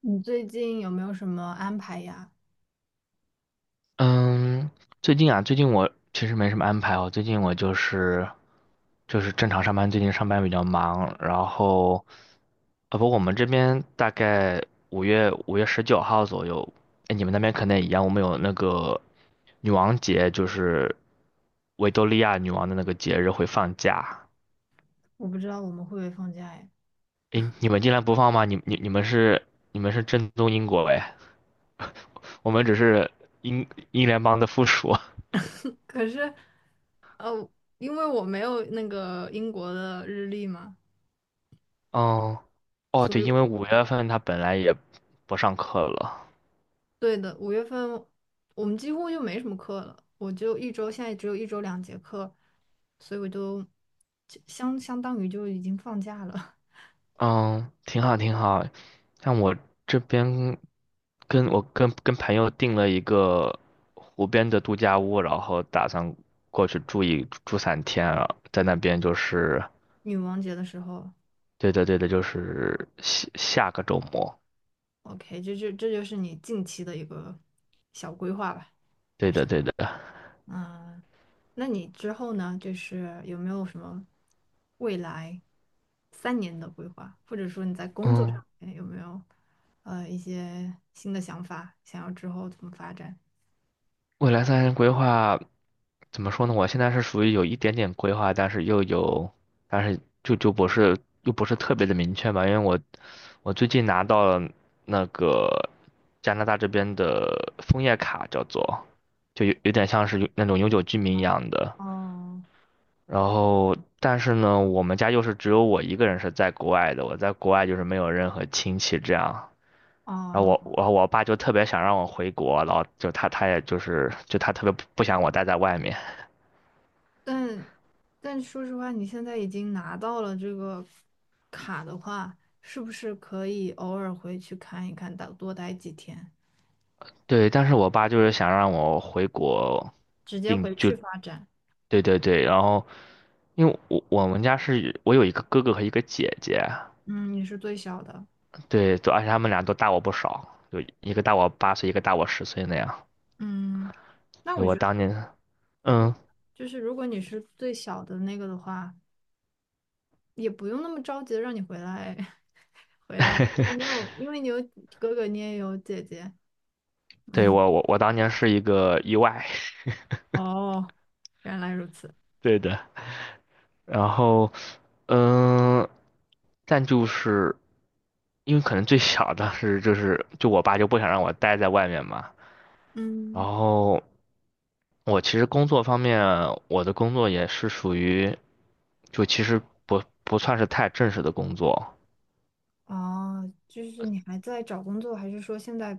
你最近有没有什么安排呀？嗯，最近啊，最近我其实没什么安排哦。最近我就是正常上班，最近上班比较忙。然后，不，我们这边大概五月19号左右。哎，你们那边可能也一样。我们有那个女王节，就是维多利亚女王的那个节日会放假。我不知道我们会不会放假哎。哎，你们竟然不放吗？你们是正宗英国哎，我们只是英联邦的附属。可是，呃，因为我没有那个英国的日历嘛，哦，哦，所对，以因为5月份他本来也不上课了。对的，五月份我们几乎就没什么课了，我就一周，现在只有一周两节课，所以我就就相当于就已经放假了。嗯，挺好，挺好。像我这边跟我跟跟朋友订了一个湖边的度假屋，然后打算过去住一住3天啊，在那边就是，女王节的时候对的，对的，就是下下个周末，，OK，这就是你近期的一个小规划吧。对的，对的。嗯，那你之后呢？就是有没有什么未来三年的规划，或者说你在工作上嗯，面有没有一些新的想法，想要之后怎么发展？未来3年规划，怎么说呢？我现在是属于有一点点规划，但是又有，但是就不是又不是特别的明确吧，因为我最近拿到了那个加拿大这边的枫叶卡，叫做就有点像是有那种永久居民一样的。哦然后，但是呢，我们家又是只有我一个人是在国外的，我在国外就是没有任何亲戚这样。然后我哦，我我爸就特别想让我回国，然后就他也就是就他特别不想我待在外面。但但说实话，你现在已经拿到了这个卡的话，是不是可以偶尔回去看一看，待多待几天，对，但是我爸就是想让我回国直接定回就，去发展？对对对。然后因为我们家是我有一个哥哥和一个姐姐。嗯，你是最小的，对，都而且他们俩都大我不少，就一个大我8岁，一个大我10岁那样。嗯，那对我我觉得。当年，嗯，就是如果你是最小的那个的话，也不用那么着急的让你回来，回来，你有，因为你有哥哥，你也有姐姐，对嗯，我当年是一个意外。哦，原来如此，对的。然后嗯，但就是因为可能最小的是就是就我爸就不想让我待在外面嘛。然嗯，后，我其实工作方面，我的工作也是属于，就其实不算是太正式的工作。哦，就是你还在找工作，还是说现在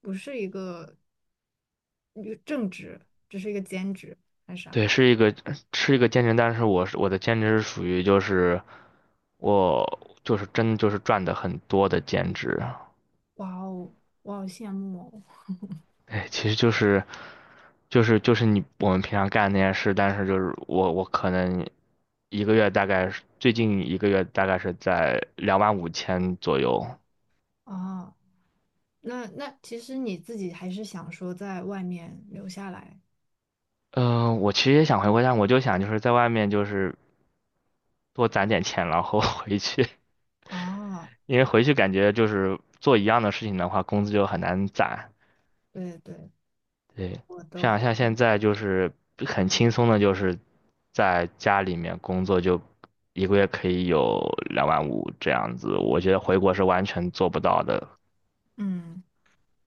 不是一个正职，只是一个兼职，还是对，啥？是一个兼职，但是我是我的兼职是属于就是我就是真就是赚的很多的兼职。哇哦，我好羡慕哎，其实就是你我们平常干的那些事，但是就是我可能一个月大概是最近一个月大概是在25,000左右。哦，哦，那那其实你自己还是想说在外面留下来。嗯、我其实也想回国，但我就想就是在外面就是多攒点钱，然后 回去，哦，因为回去感觉就是做一样的事情的话，工资就很难攒。对对，对，我的像话，像现在就是很轻松的，就是在家里面工作，就一个月可以有两万五这样子，我觉得回国是完全做不到的，嗯，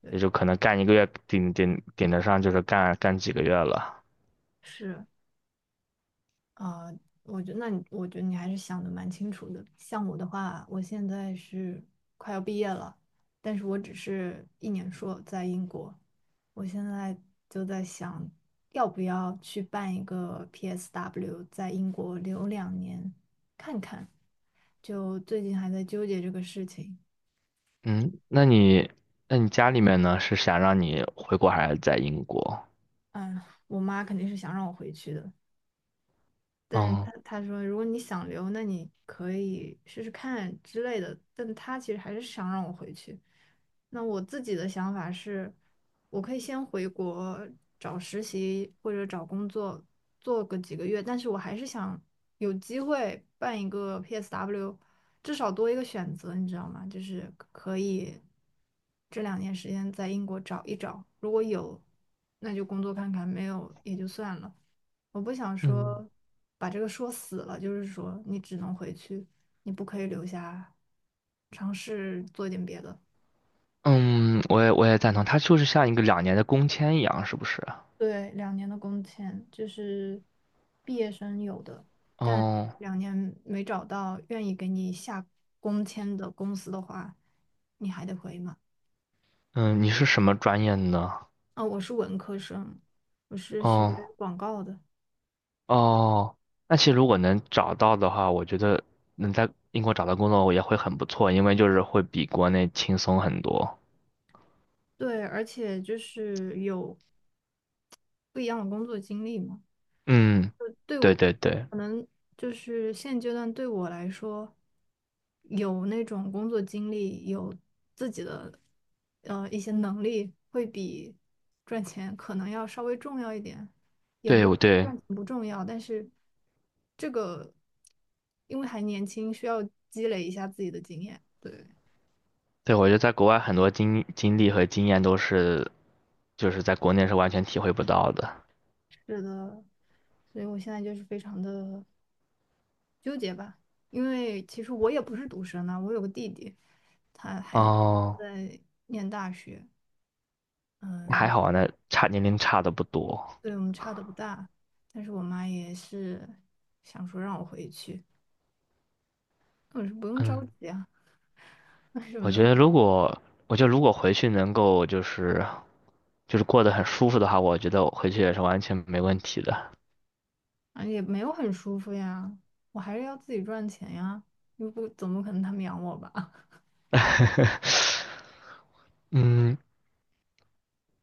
对，也就可能干一个月顶得上，就是干几个月了。是啊，我觉得那你，我觉得你还是想的蛮清楚的。像我的话，我现在是快要毕业了，但是我只是一年硕在英国，我现在就在想，要不要去办一个 PSW，在英国留两年看看。就最近还在纠结这个事情，嗯，那你家里面呢，是想让你回国还是在英国？嗯，我妈肯定是想让我回去的，但他嗯他说，如果你想留，那你可以试试看之类的。但他其实还是想让我回去。那我自己的想法是，我可以先回国找实习或者找工作，做个几个月。但是我还是想有机会办一个 PSW，至少多一个选择，你知道吗？就是可以这两年时间在英国找一找，如果有，那就工作看看；没有也就算了。我不想嗯说把这个说死了，就是说你只能回去，你不可以留下，尝试做一点别的。嗯，我也赞同，它就是像一个2年的工签一样，是不是？对，两年的工签就是毕业生有的，但哦。两年没找到愿意给你下工签的公司的话，你还得回嘛。嗯，你是什么专业呢？哦，我是文科生，我是学哦，广告的，哦，那其实如果能找到的话，我觉得能在英国找到工作也会很不错，因为就是会比国内轻松很多。对，而且就是有不一样的工作经历嘛。嗯，对对我，对对可能就是现阶段对我来说，有那种工作经历，有自己的一些能力，会比赚钱可能要稍微重要一点。也不对，是我说对赚钱不重要，但是这个因为还年轻，需要积累一下自己的经验。对，对，我觉得在国外很多经历和经验都是。就是在国内是完全体会不到的。是的，所以我现在就是非常的。纠结吧，因为其实我也不是独生啊，我有个弟弟，他还哦，在念大学，还嗯，好啊那年龄差的不多。对我们差的不大，但是我妈也是想说让我回去，我说不用着嗯，急啊，什我么觉都得如果，我觉得如果回去能够就是过得很舒服的话，我觉得我回去也是完全没问题的。啊也没有很舒服呀，我还是要自己赚钱呀，又不怎么可能他们养我吧？嗯，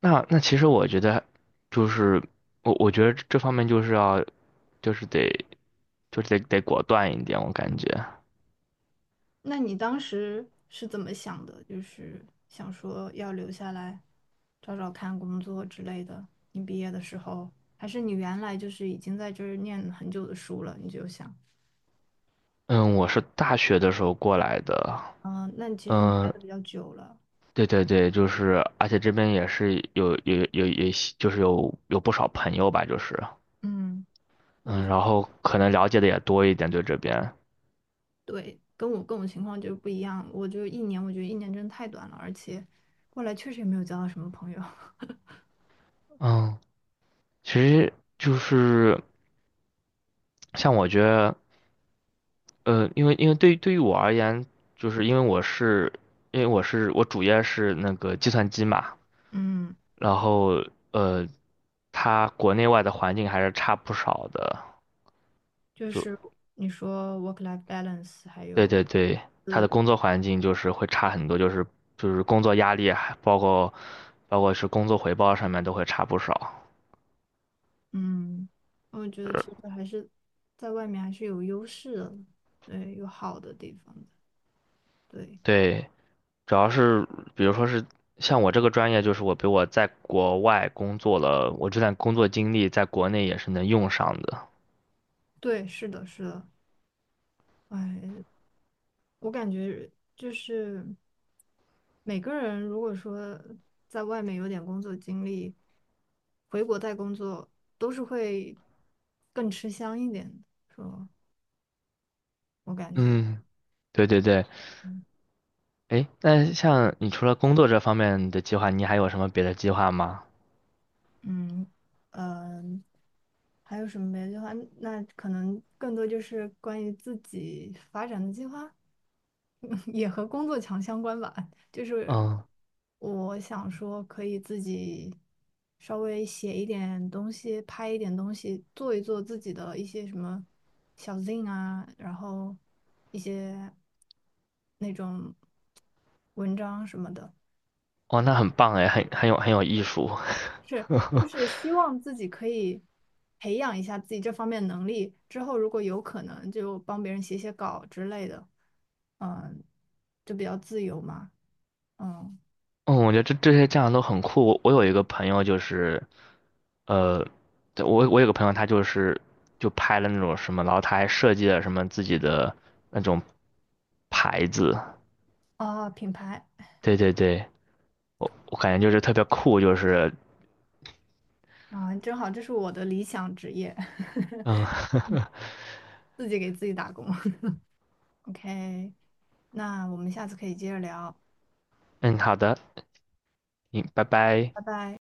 那其实我觉得，就是我觉得这方面就是要，就是得，就是得果断一点，我感觉。那你当时是怎么想的？就是想说要留下来找找看工作之类的。你毕业的时候，还是你原来就是已经在这儿念了很久的书了，你就想，嗯，我是大学的时候过来的。嗯、那其实你待嗯，的比较久了，对对对，就是，而且这边也是有，就是有不少朋友吧，就是，嗯，那我嗯，就然后可能了解的也多一点，对这边。对，跟我情况就不一样，我就一年，我觉得一年真的太短了，而且过来确实也没有交到什么朋友，嗯，其实就是像我觉得，因为对于我而言，就是因为我我主业是那个计算机嘛。嗯，然后呃，它国内外的环境还是差不少的。就就。是你说 work life balance，还对有。对对，他的工作环境就是会差很多，就是工作压力，还包括是工作回报上面都会差不少。嗯，我觉得其实还是在外面还是有优势的，对，有好的地方的，对，对，主要是比如说是像我这个专业，就是我在国外工作了，我这段工作经历在国内也是能用上的。对，是的，是的，哎，我感觉就是每个人如果说在外面有点工作经历，回国再工作都是会更吃香一点的，说我感觉。嗯，对对对。嗯诶，那像你除了工作这方面的计划，你还有什么别的计划吗？嗯嗯，还有什么别的计划？那可能更多就是关于自己发展的计划，也和工作强相关吧。就是嗯，我想说，可以自己稍微写一点东西，拍一点东西，做一做自己的一些什么小 zine 啊，然后一些那种文章什么的。哦，那很棒诶，很有艺术。就是希 望自己可以培养一下自己这方面能力，之后如果有可能就帮别人写写稿之类的，嗯，就比较自由嘛，嗯，嗯，我觉得这些酱都很酷。我有一个朋友就是，呃，对我有个朋友他就是就拍了那种什么，然后他还设计了什么自己的那种牌子。啊，品牌对对对，我感觉就是特别酷，就是啊，正好这是我的理想职业，嗯。 自己给自己打工。OK，那我们下次可以接着聊，嗯，好的，嗯，拜拜。拜拜。